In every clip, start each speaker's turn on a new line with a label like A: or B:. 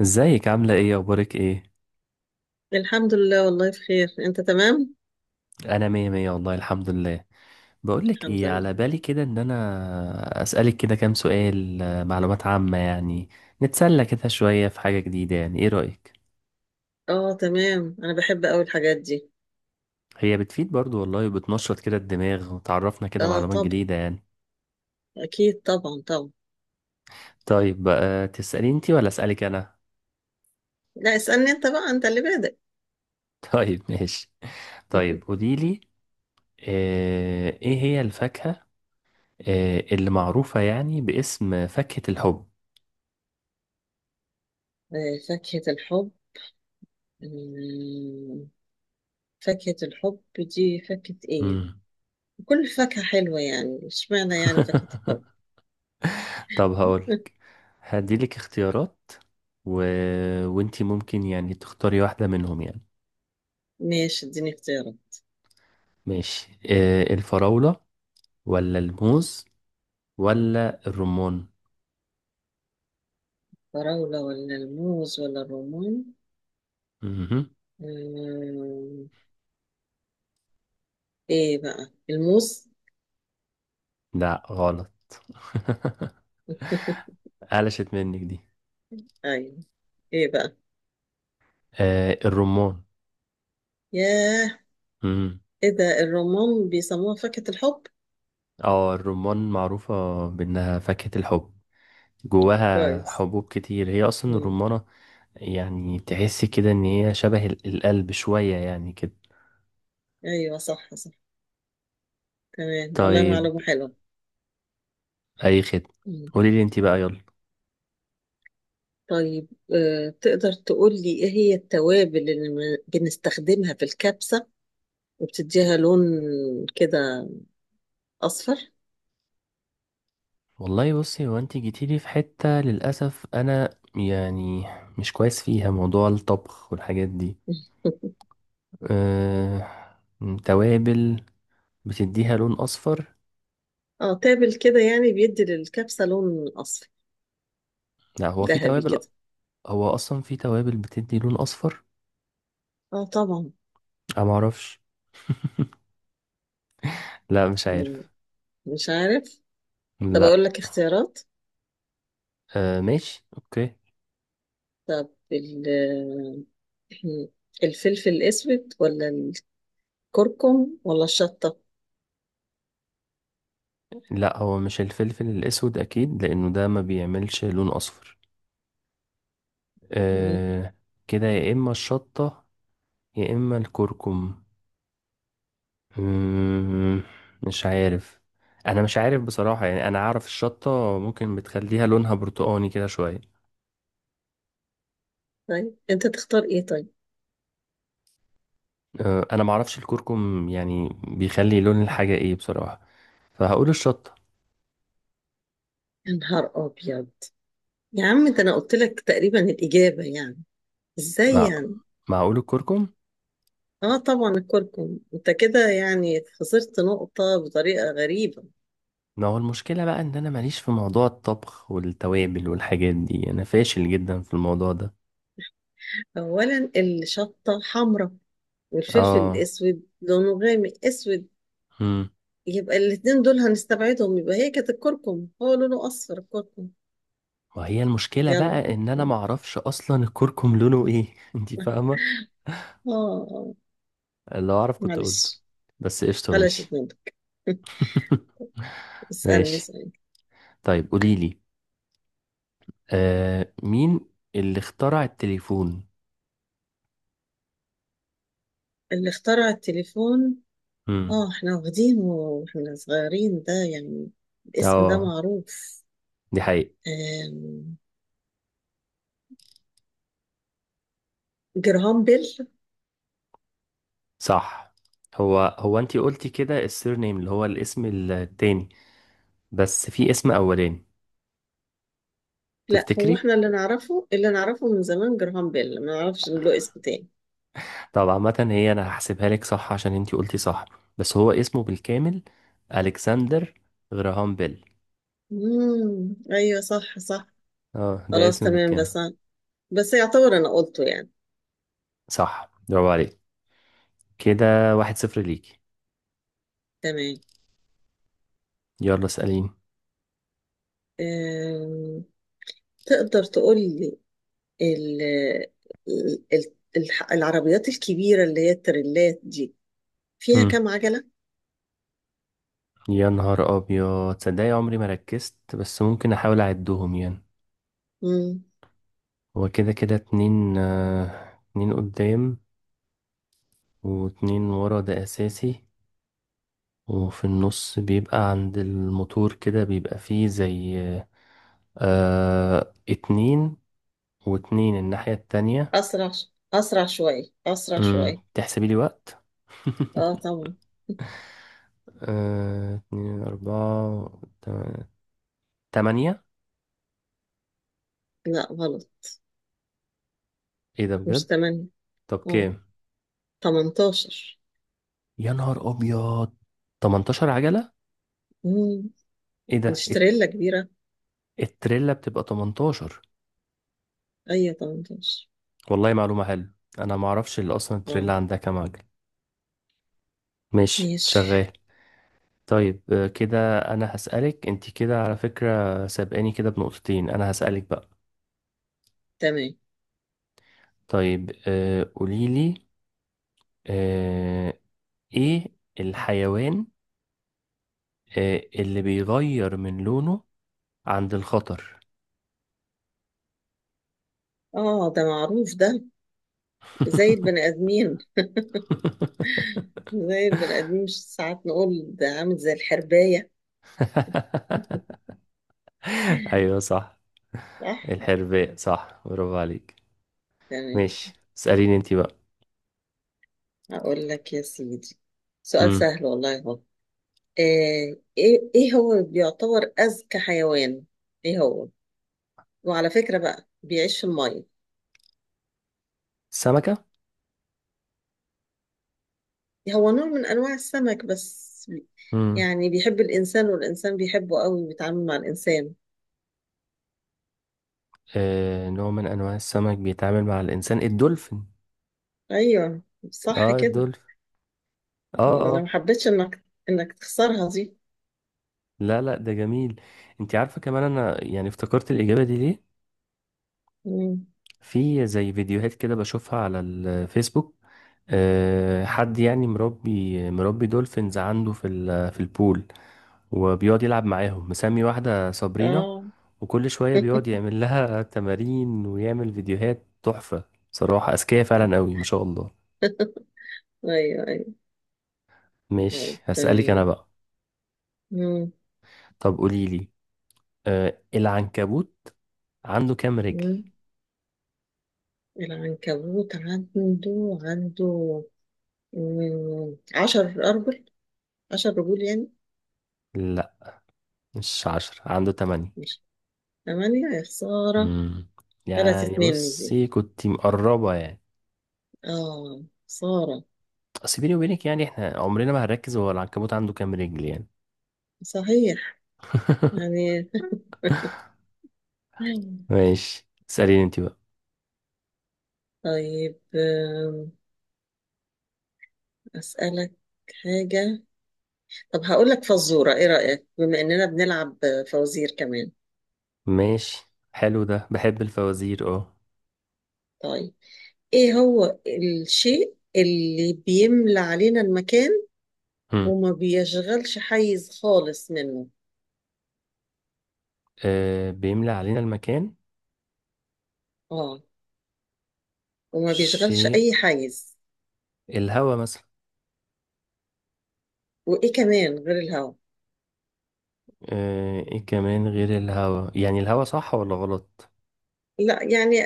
A: ازيك، عاملة ايه؟ اخبارك ايه؟
B: الحمد لله، والله بخير. انت تمام؟
A: انا مية مية والله، الحمد لله. بقولك
B: الحمد
A: ايه،
B: لله.
A: على بالي كده ان انا اسألك كده كام سؤال، معلومات عامة يعني. نتسلى كده شوية في حاجة جديدة، يعني ايه رأيك؟
B: اه، تمام. انا بحب قوي الحاجات دي.
A: هي بتفيد برضو والله، وبتنشط كده الدماغ، وتعرفنا كده
B: اه،
A: معلومات
B: طب.
A: جديدة يعني.
B: اكيد، طبعا طبعا.
A: طيب بقى، تسألي انتي ولا اسألك انا؟
B: لا، اسألني انت بقى. انت اللي بادئ.
A: طيب ماشي. طيب قوليلي، ايه هي الفاكهة اللي معروفة يعني باسم فاكهة الحب؟
B: آه، فاكهة الحب. مم، فاكهة الحب دي فاكهة ايه؟
A: مم.
B: كل فاكهة حلوة يعني، اشمعنى يعني فاكهة الحب؟
A: طب هقولك، هديلك اختيارات و... وانتي ممكن يعني تختاري واحدة منهم يعني.
B: ماشي، اديني اختيارات.
A: ماشي، الفراولة ولا الموز ولا الرمان؟
B: فراولة ولا الموز ولا الرمان؟
A: مهم.
B: مم، ايه بقى؟ الموز؟
A: لا، غلط. قلشت منك دي.
B: ايوه. ايه بقى؟
A: الرمان.
B: ياه.
A: مم.
B: ايه ده؟ الرمان بيسموها فاكهة الحب؟
A: اه، الرمان معروفة بأنها فاكهة الحب. جواها
B: كويس.
A: حبوب كتير، هي أصلا
B: مم.
A: الرمانة. يعني تحس كده إن هي شبه القلب شوية يعني كده.
B: ايوه، صح صح. تمام. والله
A: طيب،
B: معلومة حلوة.
A: اي خدمه.
B: مم.
A: قولي لي انت بقى، يلا.
B: طيب، تقدر تقول لي ايه هي التوابل اللي بنستخدمها في الكبسة، وبتديها لون كده اصفر؟
A: والله بصي، هو انت جيتي لي في حته للاسف، انا يعني مش كويس فيها موضوع الطبخ والحاجات دي. أه... توابل بتديها لون اصفر.
B: اه، تابل كده يعني بيدي للكبسة لون اصفر
A: لا، هو في
B: ذهبي
A: توابل.
B: كده.
A: هو اصلا في توابل بتدي لون اصفر.
B: اه، طبعا.
A: انا معرفش. لا، مش
B: مم.
A: عارف.
B: مش عارف. طب
A: لا.
B: اقول لك اختيارات.
A: ماشي اوكي.
B: طب الفلفل الاسود، ولا كركم، ولا الشطة؟
A: لا، هو مش الفلفل الاسود اكيد، لانه ده ما بيعملش لون اصفر.
B: مم.
A: أه... كده يا اما الشطه، يا اما الكركم. مم، مش عارف. انا مش عارف بصراحة، يعني انا عارف الشطة ممكن بتخليها لونها برتقاني كده شوية.
B: طيب، انت تختار ايه طيب؟
A: انا معرفش الكركم يعني بيخلي لون الحاجة ايه بصراحة، فهقول الشطة.
B: يا نهار ابيض! يا عم، ده انا قلت لك تقريبا الاجابة يعني. ازاي
A: مع
B: يعني؟
A: معقول الكركم؟
B: اه طبعا الكركم. انت كده يعني خسرت نقطة بطريقة غريبة.
A: ما هو المشكلة بقى ان انا ماليش في موضوع الطبخ والتوابل والحاجات دي، انا فاشل جدا في الموضوع ده.
B: اولا الشطة حمراء، والفلفل
A: اه.
B: الاسود لونه غامق اسود.
A: امم.
B: يبقى الاتنين دول هنستبعدهم. يبقى هي كانت الكركم، هو لونه اصفر الكركم.
A: وهي المشكلة بقى
B: يلا.
A: ان انا معرفش اصلا الكركم لونه ايه، انتي فاهمة.
B: اه، آه.
A: لو اعرف كنت قلته.
B: معلش.
A: بس قشطة،
B: قلشت
A: ماشي.
B: منك. اسألني،
A: ماشي.
B: اسألني.
A: طيب قولي لي، مين اللي اخترع التليفون؟
B: اللي اخترع التليفون؟
A: امم.
B: اه، احنا واخدينه واحنا صغيرين ده يعني. الاسم ده
A: اه،
B: معروف.
A: دي حقيقة.
B: آم، جراهام بيل.
A: صح. هو هو انتي قلتي كده السير نيم اللي هو الاسم التاني، بس في اسم اولاني،
B: لا، هو
A: تفتكري؟
B: احنا اللي نعرفه اللي نعرفه من زمان جراهام بيل، ما نعرفش إن له اسم تاني.
A: طب عامة هي انا هحسبها لك صح عشان انتي قلتي صح، بس هو اسمه بالكامل: الكسندر غراهام بيل.
B: ايوه، صح صح.
A: اه، ده
B: خلاص،
A: اسم
B: تمام.
A: بالكامل.
B: بس يعتبر انا قلته يعني.
A: صح، برافو عليك. كده 1-0 ليكي.
B: تمام.
A: يلا اسأليني.
B: آم، تقدر تقول لي ال العربيات الكبيرة اللي هي التريلات دي فيها كام عجلة؟
A: يا نهار ابيض، تصدقي عمري ما ركزت، بس ممكن احاول اعدهم يعني. هو كده كده اتنين قدام، واتنين ورا ده اساسي. وفي النص بيبقى عند الموتور كده، بيبقى فيه زي اتنين، واتنين الناحية التانية.
B: أسرع شوية، أسرع شوية.
A: تحسبي لي وقت؟
B: اه، طبعا.
A: اتنين، اربعة، تا- تمانية.
B: لا، غلط.
A: ايه ده
B: مش
A: بجد؟
B: 8؟
A: طب
B: اه،
A: كام؟
B: 18.
A: يا نهار ابيض! 18 عجلة؟
B: مم.
A: ايه ده!
B: نشتريلا كبيرة.
A: التريلا بتبقى 18؟
B: أيوة، 18.
A: والله معلومة حلوة. انا ما اعرفش اللي اصلا
B: اه.
A: التريلا عندها كام عجل. ماشي،
B: ماشي،
A: شغال. طيب كده انا هسألك انت، كده على فكرة سابقاني كده بنقطتين، انا هسألك بقى.
B: تمام.
A: طيب قوليلي، آه، ايه الحيوان اللي بيغير من لونه عند الخطر؟
B: اه، ده معروف ده. زي البني آدمين. زي البني آدمين، مش ساعات نقول ده عامل زي الحرباية؟
A: ايوه صح.
B: صح.
A: الحرباء، صح، برافو عليك.
B: تمام.
A: ماشي، اسأليني انت بقى.
B: أقول لك يا سيدي، سؤال
A: مم.
B: سهل والله هو. ايه هو بيعتبر أذكى حيوان؟ ايه هو؟ وعلى فكرة بقى، بيعيش في المية.
A: السمكة.
B: هو نوع من أنواع السمك بس.
A: مم.
B: يعني بيحب الإنسان، والإنسان بيحبه قوي، بيتعامل مع الإنسان.
A: نوع من انواع السمك بيتعامل مع الانسان، الدولفين.
B: أيوه، صح
A: اه،
B: كده.
A: الدولفين. اه،
B: أنا
A: اه.
B: ما حبيتش إنك تخسرها دي.
A: لا، لا، ده جميل. انت عارفه كمان، انا يعني افتكرت الاجابه دي ليه.
B: مم.
A: في زي فيديوهات كده بشوفها على الفيسبوك، حد يعني مربي دولفينز عنده في في البول، وبيقعد يلعب معاهم، مسمي واحده صابرينا،
B: آه.
A: وكل شويه بيقعد يعمل لها تمارين ويعمل فيديوهات تحفه. بصراحه اذكياء فعلا قوي، ما شاء الله.
B: أيوه، أيوه. طيب،
A: ماشي، هسألك أنا
B: تمام.
A: بقى.
B: مم.
A: طب قولي لي، العنكبوت عنده كام رجل؟
B: مم. العنكبوت عنده 10 أرجل، 10 رجول يعني.
A: لا، مش عشرة، عنده تمانية.
B: مش. 8 يا خسارة.
A: مم.
B: غلطت
A: يعني
B: مني دي.
A: بصي، كنت مقربة يعني.
B: آه، خسارة.
A: أصل بيني وبينك يعني، احنا عمرنا ما هنركز هو العنكبوت عنده كام رجل يعني.
B: صحيح. يعني. مم.
A: ماشي، اسأليني انت بقى.
B: طيب، أسألك حاجة. طب هقول لك فزورة. إيه رأيك بما إننا بنلعب فوازير كمان؟
A: ماشي، حلو ده، بحب الفوازير اه.
B: طيب، إيه هو الشيء اللي بيملى علينا المكان،
A: هم.
B: وما بيشغلش حيز خالص منه؟
A: بيملى علينا المكان.
B: آه، وما بيشغلش
A: شيء،
B: أي حيز.
A: الهوا مثلا.
B: وإيه كمان غير الهواء؟
A: ايه كمان غير الهوا؟ يعني الهوا صح ولا غلط؟
B: لا، يعني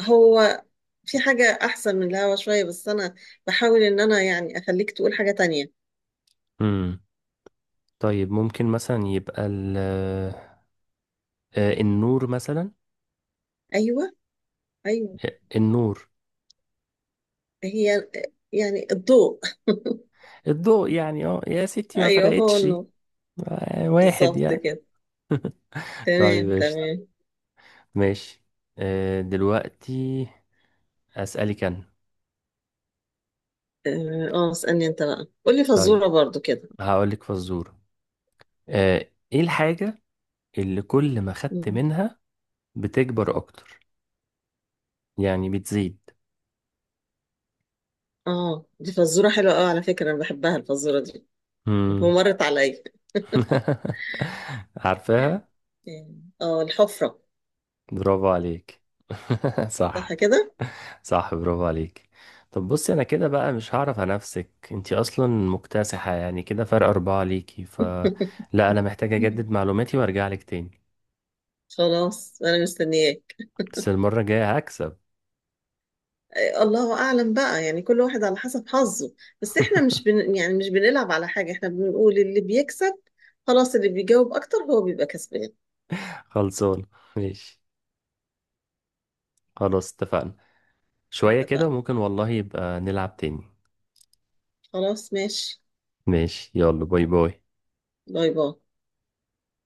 B: هو في حاجة أحسن من الهواء شوية، بس أنا بحاول إن أنا يعني أخليك تقول حاجة تانية.
A: طيب ممكن مثلا يبقى النور مثلا.
B: أيوه، أيوه.
A: النور.
B: هي يعني الضوء.
A: الضوء يعني، اه يا ستي ما
B: ايوه، هو
A: فرقتش.
B: النور.
A: واحد
B: بالظبط
A: يعني.
B: كده. تمام،
A: طيب قشطة.
B: تمام.
A: ماشي. دلوقتي أسألك أنا.
B: اه، اسألني انت بقى، قولي
A: طيب،
B: فزورة برضو كده.
A: هقولك فزورة، إيه الحاجة اللي كل ما خدت
B: مم.
A: منها بتكبر أكتر، يعني بتزيد؟
B: اه، دي فزورة حلوة قوي على فكرة، انا بحبها الفزورة دي.
A: مم.
B: ومرت عليا.
A: عارفاها؟
B: اه، الحفرة.
A: برافو عليك.
B: صح
A: صح.
B: كده.
A: صح، برافو عليك. طب بصي، انا كده بقى مش هعرف انافسك، انتي اصلا مكتسحة يعني كده، فرق اربعة ليكي، ف لا، انا محتاج اجدد معلوماتي وارجع لك تاني.
B: خلاص، انا مستنياك.
A: بس المرة الجاية هكسب.
B: الله اعلم بقى، يعني كل واحد على حسب حظه. بس احنا مش بن... يعني مش بنلعب على حاجة، احنا بنقول اللي بيكسب. خلاص، اللي بيجاوب اكتر هو بيبقى كسبان.
A: خلصان. ماشي، خلاص اتفقنا. شوية كده
B: اتفقنا.
A: وممكن والله يبقى نلعب تاني.
B: خلاص، ماشي.
A: ماشي، يلا، باي باي.
B: باي باي.